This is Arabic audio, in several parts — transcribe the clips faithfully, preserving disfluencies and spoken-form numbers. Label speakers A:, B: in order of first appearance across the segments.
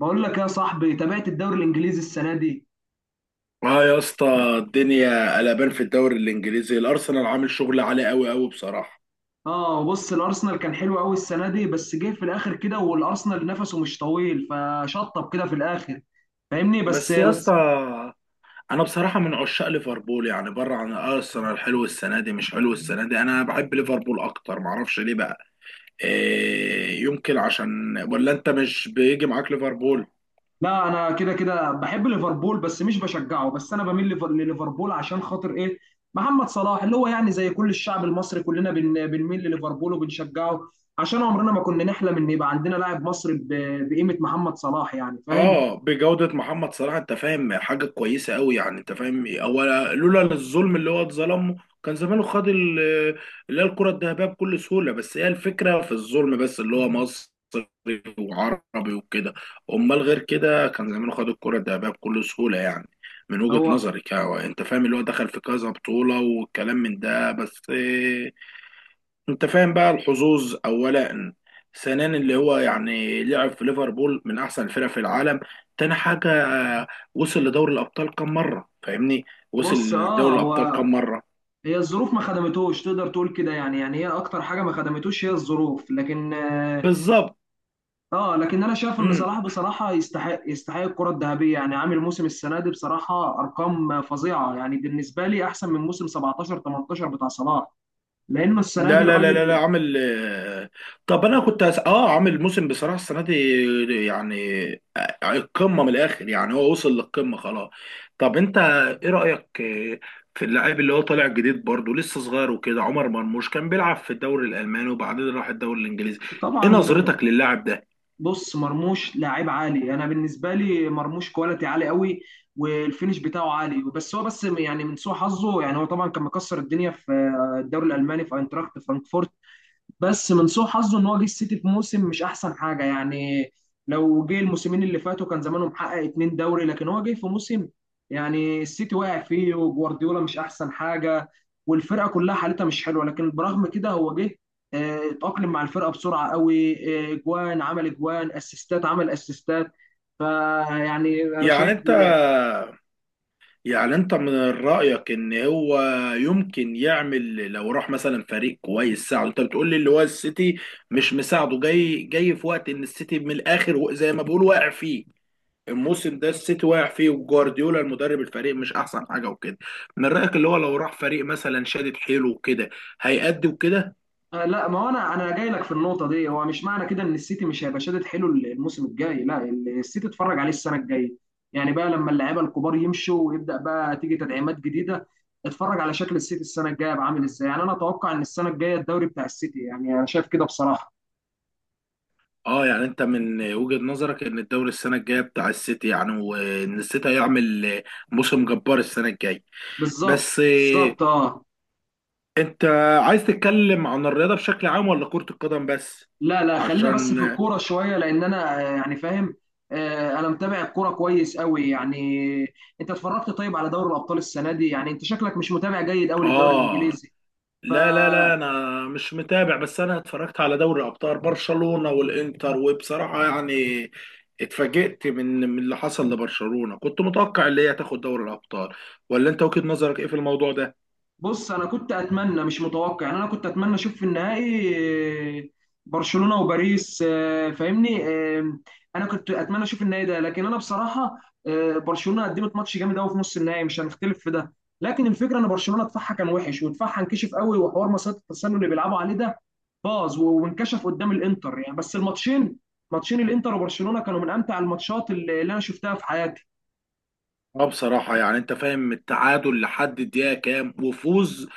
A: بقول لك يا صاحبي، تابعت الدوري الانجليزي السنه دي.
B: اه يا اسطى، الدنيا قلبان في الدوري الانجليزي. الارسنال عامل شغل عالي قوي قوي بصراحه.
A: اه بص، الارسنال كان حلو قوي السنه دي، بس جه في الاخر كده، والارسنال نفسه مش طويل فشطب كده في الاخر. فاهمني؟ بس
B: بس يا اسطى،
A: بس
B: انا بصراحه من عشاق ليفربول. يعني بره عن ارسنال، حلو السنه دي مش حلو السنه دي، انا بحب ليفربول اكتر معرفش ليه بقى. إيه يمكن عشان، ولا انت مش بيجي معاك ليفربول؟
A: لا، انا كده كده بحب ليفربول بس مش بشجعه، بس انا بميل ليفر- لليفربول عشان خاطر ايه؟ محمد صلاح، اللي هو يعني زي كل الشعب المصري، كلنا بن- بنميل لليفربول وبنشجعه، عشان عمرنا ما كنا نحلم ان يبقى عندنا لاعب مصري ب- بقيمه محمد صلاح، يعني فاهم.
B: اه، بجودة محمد صلاح انت فاهم حاجة كويسة قوي. يعني انت فاهم، اولا لولا الظلم اللي هو اتظلمه كان زمانه خد ال- اللي هي الكرة الذهبية بكل سهولة. بس هي الفكرة في الظلم، بس اللي هو مصري وعربي وكده. امال غير كده كان زمانه خد الكرة الذهبية بكل سهولة يعني. من وجهة
A: هو
B: نظرك يعني، انت فاهم اللي هو دخل في كذا بطولة والكلام من ده. بس انت فاهم بقى، الحظوظ اولا، ثانيا اللي هو يعني لعب في ليفربول من احسن الفرق في العالم. تاني حاجه، آه، وصل لدوري الابطال كم مره؟ فاهمني، وصل
A: بص،
B: لدوري
A: اه، هو
B: الابطال كم مره.
A: هي الظروف ما خدمتوش، تقدر تقول كده، يعني يعني هي اكتر حاجه ما خدمتوش هي الظروف، لكن اه
B: بالظبط.
A: آه، لكن انا شايف ان صلاح بصراحه يستحق يستحق الكره الذهبيه. يعني عامل موسم السنه دي بصراحه ارقام فظيعه، يعني بالنسبه لي احسن من موسم سبعتاشر تمنتاشر بتاع صلاح، لان السنه دي
B: لا لا لا لا لا،
A: الراجل
B: عامل آه، طب انا كنت هس... اه عامل موسم بصراحه السنه دي يعني. آه، القمه من الاخر، يعني هو وصل للقمه خلاص. طب انت ايه رايك آه، في اللاعب اللي هو طالع جديد برضه لسه صغير وكده، عمر مرموش كان بيلعب في الدوري الالماني وبعدين راح الدوري الانجليزي. ايه
A: طبعا.
B: نظرتك للاعب ده؟
A: بص، مرموش لاعب عالي، انا بالنسبه لي مرموش كواليتي عالي قوي، والفينش بتاعه عالي، بس هو بس يعني من سوء حظه، يعني هو طبعا كان مكسر الدنيا في الدوري الالماني في اينتراخت فرانكفورت، بس من سوء حظه ان هو جه السيتي في موسم مش احسن حاجه يعني. لو جه الموسمين اللي فاتوا كان زمانه محقق اتنين دوري، لكن هو جه في موسم يعني السيتي واقع فيه، وجوارديولا مش احسن حاجه، والفرقه كلها حالتها مش حلوه، لكن برغم كده هو جه، آه، اتأقلم مع الفرقه بسرعه قوي، آه، جوان عمل، جوان اسيستات عمل اسيستات، فيعني انا
B: يعني
A: شايف.
B: انت، يعني انت من رأيك ان هو يمكن يعمل لو راح مثلا فريق كويس ساعده. انت بتقول لي اللي هو السيتي مش مساعده، جاي جاي في وقت ان السيتي من الاخر و- زي ما بيقول واقع فيه الموسم ده. السيتي واقع فيه وجوارديولا المدرب، الفريق مش احسن حاجة وكده. من رأيك اللي هو لو راح فريق مثلا شادد حيله وكده هيأدي وكده؟
A: آه، لا، ما هو انا انا جاي لك في النقطه دي. هو مش معنى كده ان السيتي مش هيبقى شادد حلو الموسم الجاي، لا. السيتي اتفرج عليه السنه الجايه، يعني بقى لما اللعيبه الكبار يمشوا ويبدا بقى تيجي تدعيمات جديده، اتفرج على شكل السيتي السنه الجايه بقى عامل ازاي. يعني انا اتوقع ان السنه الجايه الدوري بتاع السيتي، يعني انا شايف كده بصراحه.
B: اه يعني انت من وجهة نظرك ان الدوري السنة الجاية بتاع السيتي، يعني وان السيتي هيعمل موسم جبار السنة الجاية.
A: بالظبط،
B: بس
A: بالظبط، اه.
B: انت عايز تتكلم عن الرياضة بشكل عام ولا كرة القدم بس؟
A: لا لا، خلينا بس
B: عشان
A: في الكوره شويه، لان انا آه، يعني فاهم، آه، انا متابع الكوره كويس قوي يعني. انت اتفرجت طيب على دوري الابطال السنه دي؟ يعني انت شكلك مش متابع جيد قوي للدوري
B: اه.
A: الانجليزي.
B: لا لا لا،
A: فبص،
B: انا مش متابع، بس انا اتفرجت على دوري ابطال برشلونة والانتر. وبصراحة يعني اتفاجئت من من اللي حصل لبرشلونة، كنت متوقع اللي هي تاخد دوري الابطال. ولا انت وجهة نظرك ايه في الموضوع ده؟
A: انا كنت اتمنى، مش متوقع، يعني انا كنت اتمنى اشوف في النهائي آه، برشلونة وباريس، آه، فاهمني. آه، انا كنت اتمنى اشوف النهائي ده، لكن انا بصراحة آه، برشلونة قدمت ماتش جامد قوي في نص النهائي، مش هنختلف في ده، لكن الفكرة ان برشلونة دفاعها كان وحش، ودفاعها انكشف قوي، وحوار مسات التسلل اللي بيلعبوا عليه ده باظ و- وانكشف قدام الانتر، يعني بس الماتشين. ماتشين الانتر وبرشلونة كانوا من امتع الماتشات اللي اللي انا شفتها في حياتي.
B: اه بصراحة يعني انت فاهم، التعادل لحد الدقيقة كام وفوز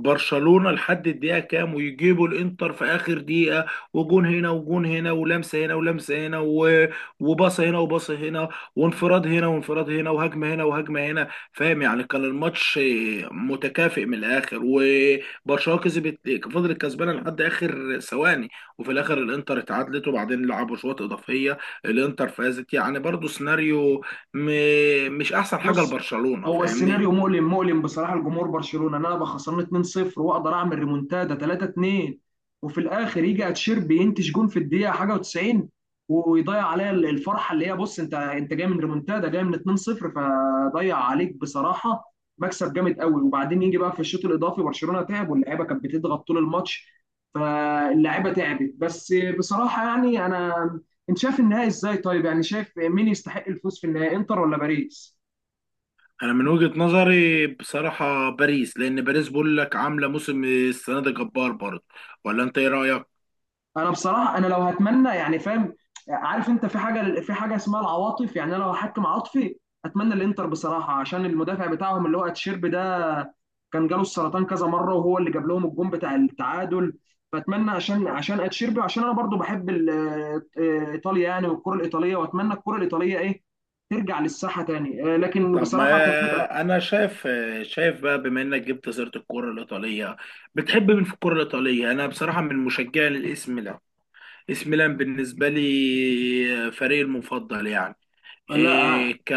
B: برشلونة لحد الدقيقة كام، ويجيبوا الانتر في اخر دقيقة. وجون هنا وجون هنا، ولمسة هنا ولمسة هنا و- وباصة هنا وباصة هنا، وانفراد هنا وانفراد هنا، وهجمة هنا وهجمة هنا. فاهم يعني كان الماتش متكافئ من الاخر، وبرشلونة كسبت، فضلت كسبانة لحد اخر ثواني، وفي الاخر الانتر اتعادلت، وبعدين لعبوا شوط اضافية الانتر فازت. يعني برضو سيناريو م... مش احسن حاجه
A: بص،
B: لبرشلونه،
A: هو
B: فاهمني.
A: السيناريو مؤلم، مؤلم بصراحه لجمهور برشلونه، ان انا ابقى خسران اتنين صفر واقدر اعمل ريمونتادا تلاتة اتنين، وفي الاخر يجي اتشيربي ينتج جون في الدقيقه حاجه و90، ويضيع عليا الفرحه، اللي هي بص، انت انت جاي من ريمونتادا، جاي من اتنين صفر، فضيع عليك بصراحه مكسب جامد قوي. وبعدين يجي بقى في الشوط الاضافي برشلونه تعب، واللعيبه كانت بتضغط طول الماتش، فاللعيبه تعبت، بس بصراحه يعني انا، انت شايف النهائي ازاي طيب؟ يعني شايف مين يستحق الفوز في النهائي، انتر ولا باريس؟
B: انا من وجهه نظري بصراحه باريس، لان باريس بقول لك عامله موسم السنه ده جبار برضه. ولا انت ايه رايك؟
A: انا بصراحه، انا لو هتمنى يعني فاهم، عارف انت، في حاجه، في حاجه اسمها العواطف، يعني انا لو هحكم عاطفي اتمنى الانتر بصراحه، عشان المدافع بتاعهم اللي هو اتشيربي ده كان جاله السرطان كذا مره، وهو اللي جاب لهم الجون بتاع التعادل، فاتمنى عشان، عشان اتشيربي، عشان انا برضو بحب ال- آه، ايطاليا يعني، والكره الايطاليه، واتمنى الكره الايطاليه ايه، ترجع للساحه تاني، آه، لكن
B: طب
A: بصراحه كفكره.
B: ما انا شايف، شايف بقى، بما انك جبت سيره الكره الايطاليه، بتحب مين في الكره الايطاليه؟ انا بصراحه من مشجعي للاس ميلان، اس ميلان بالنسبه لي فريقي المفضل يعني.
A: لا أنا-
B: إيه ك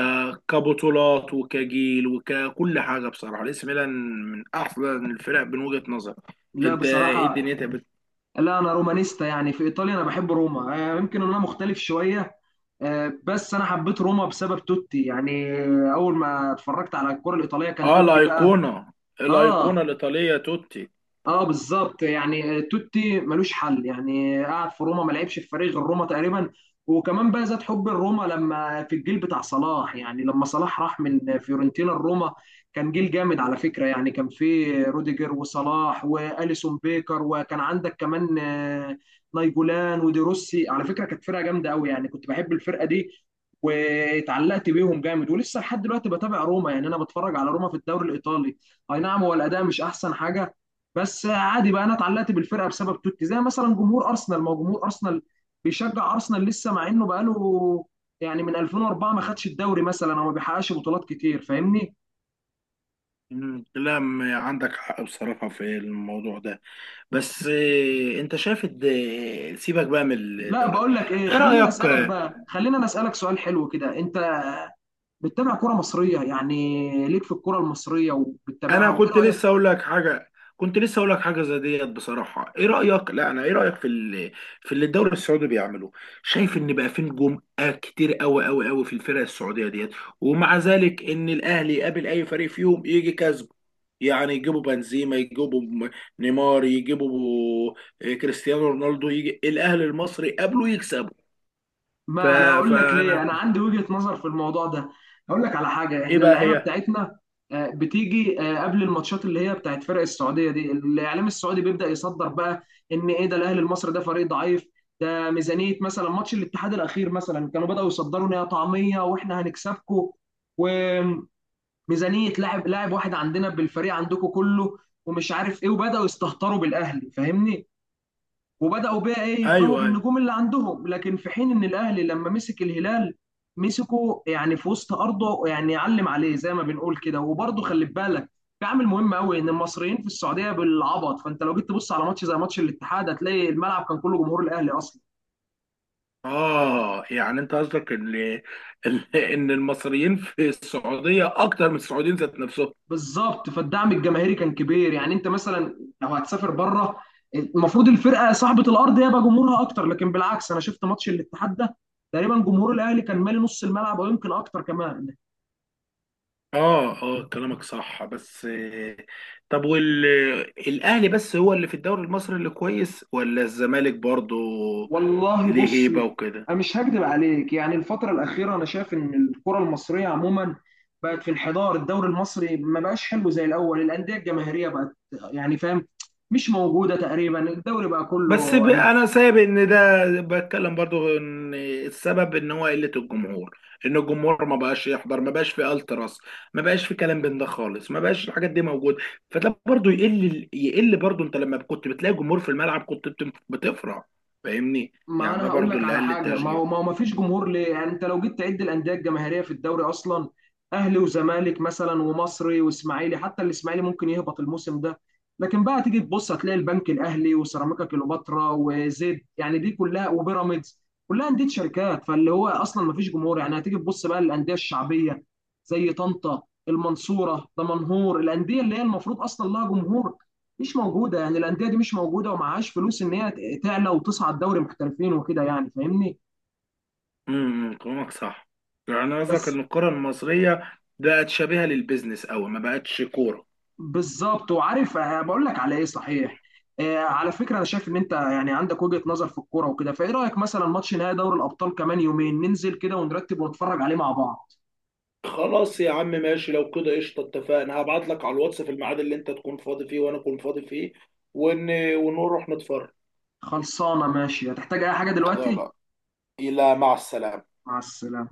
B: كبطولات وكجيل وككل حاجه، بصراحه الانتر ميلان من احسن الفرق من وجهه نظري.
A: لا
B: انت ايه
A: بصراحه،
B: الدنيا انت بت...
A: لا انا رومانيستا، يعني في ايطاليا انا بحب روما، آه، يمكن إن انا مختلف شويه، آه، بس انا حبيت روما بسبب توتي يعني. اول ما اتفرجت على الكرة الإيطالية كان
B: اه
A: توتي بقى.
B: الايقونه،
A: اه،
B: الايقونه الايطاليه توتي.
A: اه، بالظبط، يعني توتي ملوش حل، يعني قعد في روما، ما لعبش في فريق غير روما تقريبا. وكمان بقى زاد حب الروما لما في الجيل بتاع صلاح، يعني لما صلاح راح من فيورنتينا لروما كان جيل جامد على فكرة، يعني كان في روديجر وصلاح وأليسون بيكر، وكان عندك كمان آه، نايجولان وديروسي. على فكرة كانت فرقة جامدة قوي، يعني كنت بحب الفرقة دي واتعلقت بيهم جامد، ولسه لحد دلوقتي بتابع روما، يعني انا بتفرج على روما في الدوري الايطالي. اي نعم هو الاداء مش احسن حاجة، بس عادي بقى. انا اتعلقت بالفرقه بسبب توتي، زي مثلا جمهور ارسنال، ما هو جمهور ارسنال بيشجع ارسنال لسه، مع انه بقاله يعني من ألفين واربعة ما خدش الدوري مثلا، او ما بيحققش بطولات كتير، فاهمني؟
B: مم، لا م- عندك حق بصراحه في الموضوع ده. بس إيه، انت شايف الد- سيبك بقى من
A: لا،
B: الدورات.
A: بقول لك ايه،
B: ايه
A: خلينا
B: رايك؟
A: اسالك بقى، خلينا اسالك سؤال حلو كده. انت بتتابع كرة مصرية؟ يعني ليك في الكرة المصرية وبتتابعها،
B: انا
A: وايه
B: كنت
A: رايك؟
B: لسه اقول لك حاجه، كنت لسه اقول لك حاجه زي ديت بصراحه. ايه رايك؟ لا انا، ايه رايك في ال... في اللي الدوري السعودي بيعمله؟ شايف ان بقى في نجوم آه كتير قوي قوي قوي في الفرق السعوديه ديت. ومع ذلك ان الاهلي يقابل اي فريق فيهم يجي كسبه. يعني يجيبوا بنزيما، يجيبوا م- نيمار، يجيبوا آه، كريستيانو رونالدو، يجي الاهلي المصري قابله يكسبه. ف...
A: ما انا هقول لك ليه،
B: فانا،
A: انا عندي وجهة نظر في الموضوع ده. هقول لك على حاجة،
B: ايه
A: احنا
B: بقى
A: اللعيبة
B: هي.
A: بتاعتنا آه، بتيجي آه، قبل الماتشات اللي هي بتاعت فرق السعودية دي، الاعلام السعودي بيبدأ يصدر بقى ان ايه ده، الاهلي المصري ده فريق ضعيف، ده ميزانية، مثلا ماتش الاتحاد الاخير مثلا كانوا بدأوا يصدروا ان هي طعمية واحنا هنكسبكم، وميزانية لاعب لاعب واحد عندنا بالفريق عندكم كله، ومش عارف ايه، وبدأوا يستهتروا بالاهلي فاهمني، وبداوا بقى ايه، يبهوا
B: ايوه أيوه.
A: بالنجوم اللي عندهم. لكن في حين ان الاهلي لما مسك الهلال، مسكه يعني في وسط ارضه، يعني يعلم عليه زي ما بنقول كده، وبرضه خلي بالك في عامل مهم قوي، ان المصريين في السعوديه بالعبط، فانت لو جيت تبص على ماتش زي ماتش الاتحاد، هتلاقي الملعب كان كله جمهور الاهلي اصلا.
B: آه يعني أنت قصدك إن إن إن المصريين في السعودية أكتر من السعوديين ذات نفسهم.
A: بالظبط، فالدعم الجماهيري كان كبير. يعني انت مثلا لو هتسافر بره، المفروض الفرقه صاحبه الارض هي بقى جمهورها اكتر، لكن بالعكس انا شفت ماتش الاتحاد ده تقريبا جمهور الاهلي كان مالي نص الملعب، او يمكن اكتر كمان.
B: آه آه كلامك صح بس آه، طب والأهلي بس هو اللي في الدوري المصري اللي كويس ولا الزمالك برضه؟
A: والله
B: ليه
A: بص،
B: هيبة وكده؟
A: انا مش هكدب عليك، يعني الفتره الاخيره انا شايف ان الكره المصريه عموما بقت في انحدار. الدوري المصري ما بقاش حلو زي الاول، الانديه الجماهيريه بقت يعني فاهم، مش موجوده تقريبا. الدوري بقى
B: بس
A: كله
B: ب-
A: يعني،
B: انا سايب ان ده بتكلم برضو، ان السبب ان هو قله الجمهور، ان الجمهور ما بقاش يحضر، ما بقاش في التراس، ما بقاش في كلام بين ده خالص، ما بقاش الحاجات دي موجوده. فده برضو يقل يقل برضو. انت لما كنت بتلاقي جمهور في الملعب كنت بت- بتفرح، فاهمني.
A: ما
B: يعني
A: انا
B: ده
A: هقول
B: برضو
A: لك
B: اللي
A: على
B: قل
A: حاجه، ما
B: التشجيع.
A: هو ما هو ما فيش جمهور، ليه؟ يعني انت لو جيت تعد الانديه الجماهيريه في الدوري اصلا، اهلي وزمالك مثلا، ومصري واسماعيلي، حتى الاسماعيلي ممكن يهبط الموسم ده. لكن بقى تيجي تبص هتلاقي البنك الاهلي، وسيراميكا كليوباترا، وزد، يعني دي كلها، وبيراميدز، كلها انديه شركات. فاللي هو اصلا ما فيش جمهور يعني، هتيجي تبص بقى للانديه الشعبيه، زي طنطا، المنصوره، دمنهور، الانديه اللي هي المفروض اصلا لها جمهور، مش موجوده. يعني الانديه دي مش موجوده، ومعهاش فلوس ان هي ت- تعلى وتصعد دوري محترفين وكده، يعني فاهمني.
B: امم كلامك صح. يعني قصدك
A: بس،
B: ان الكره المصريه بقت شبيهه للبيزنس قوي، ما بقتش كوره.
A: بالظبط. وعارف آه، بقول لك على ايه صحيح، آه، على فكره انا شايف ان انت يعني عندك وجهه نظر في الكوره وكده، فايه رايك مثلا ماتش نهائي دوري الابطال كمان يومين ننزل كده ونرتب ونتفرج عليه مع بعض؟
B: خلاص يا عم ماشي، لو كده قشطه اتفقنا. هبعت لك على الواتس في الميعاد اللي انت تكون فاضي فيه وانا اكون فاضي فيه ون... ونروح نتفرج.
A: خلصانه ماشي. هتحتاج اي حاجه دلوقتي؟
B: خلاص، الى مع السلامه.
A: مع السلامه.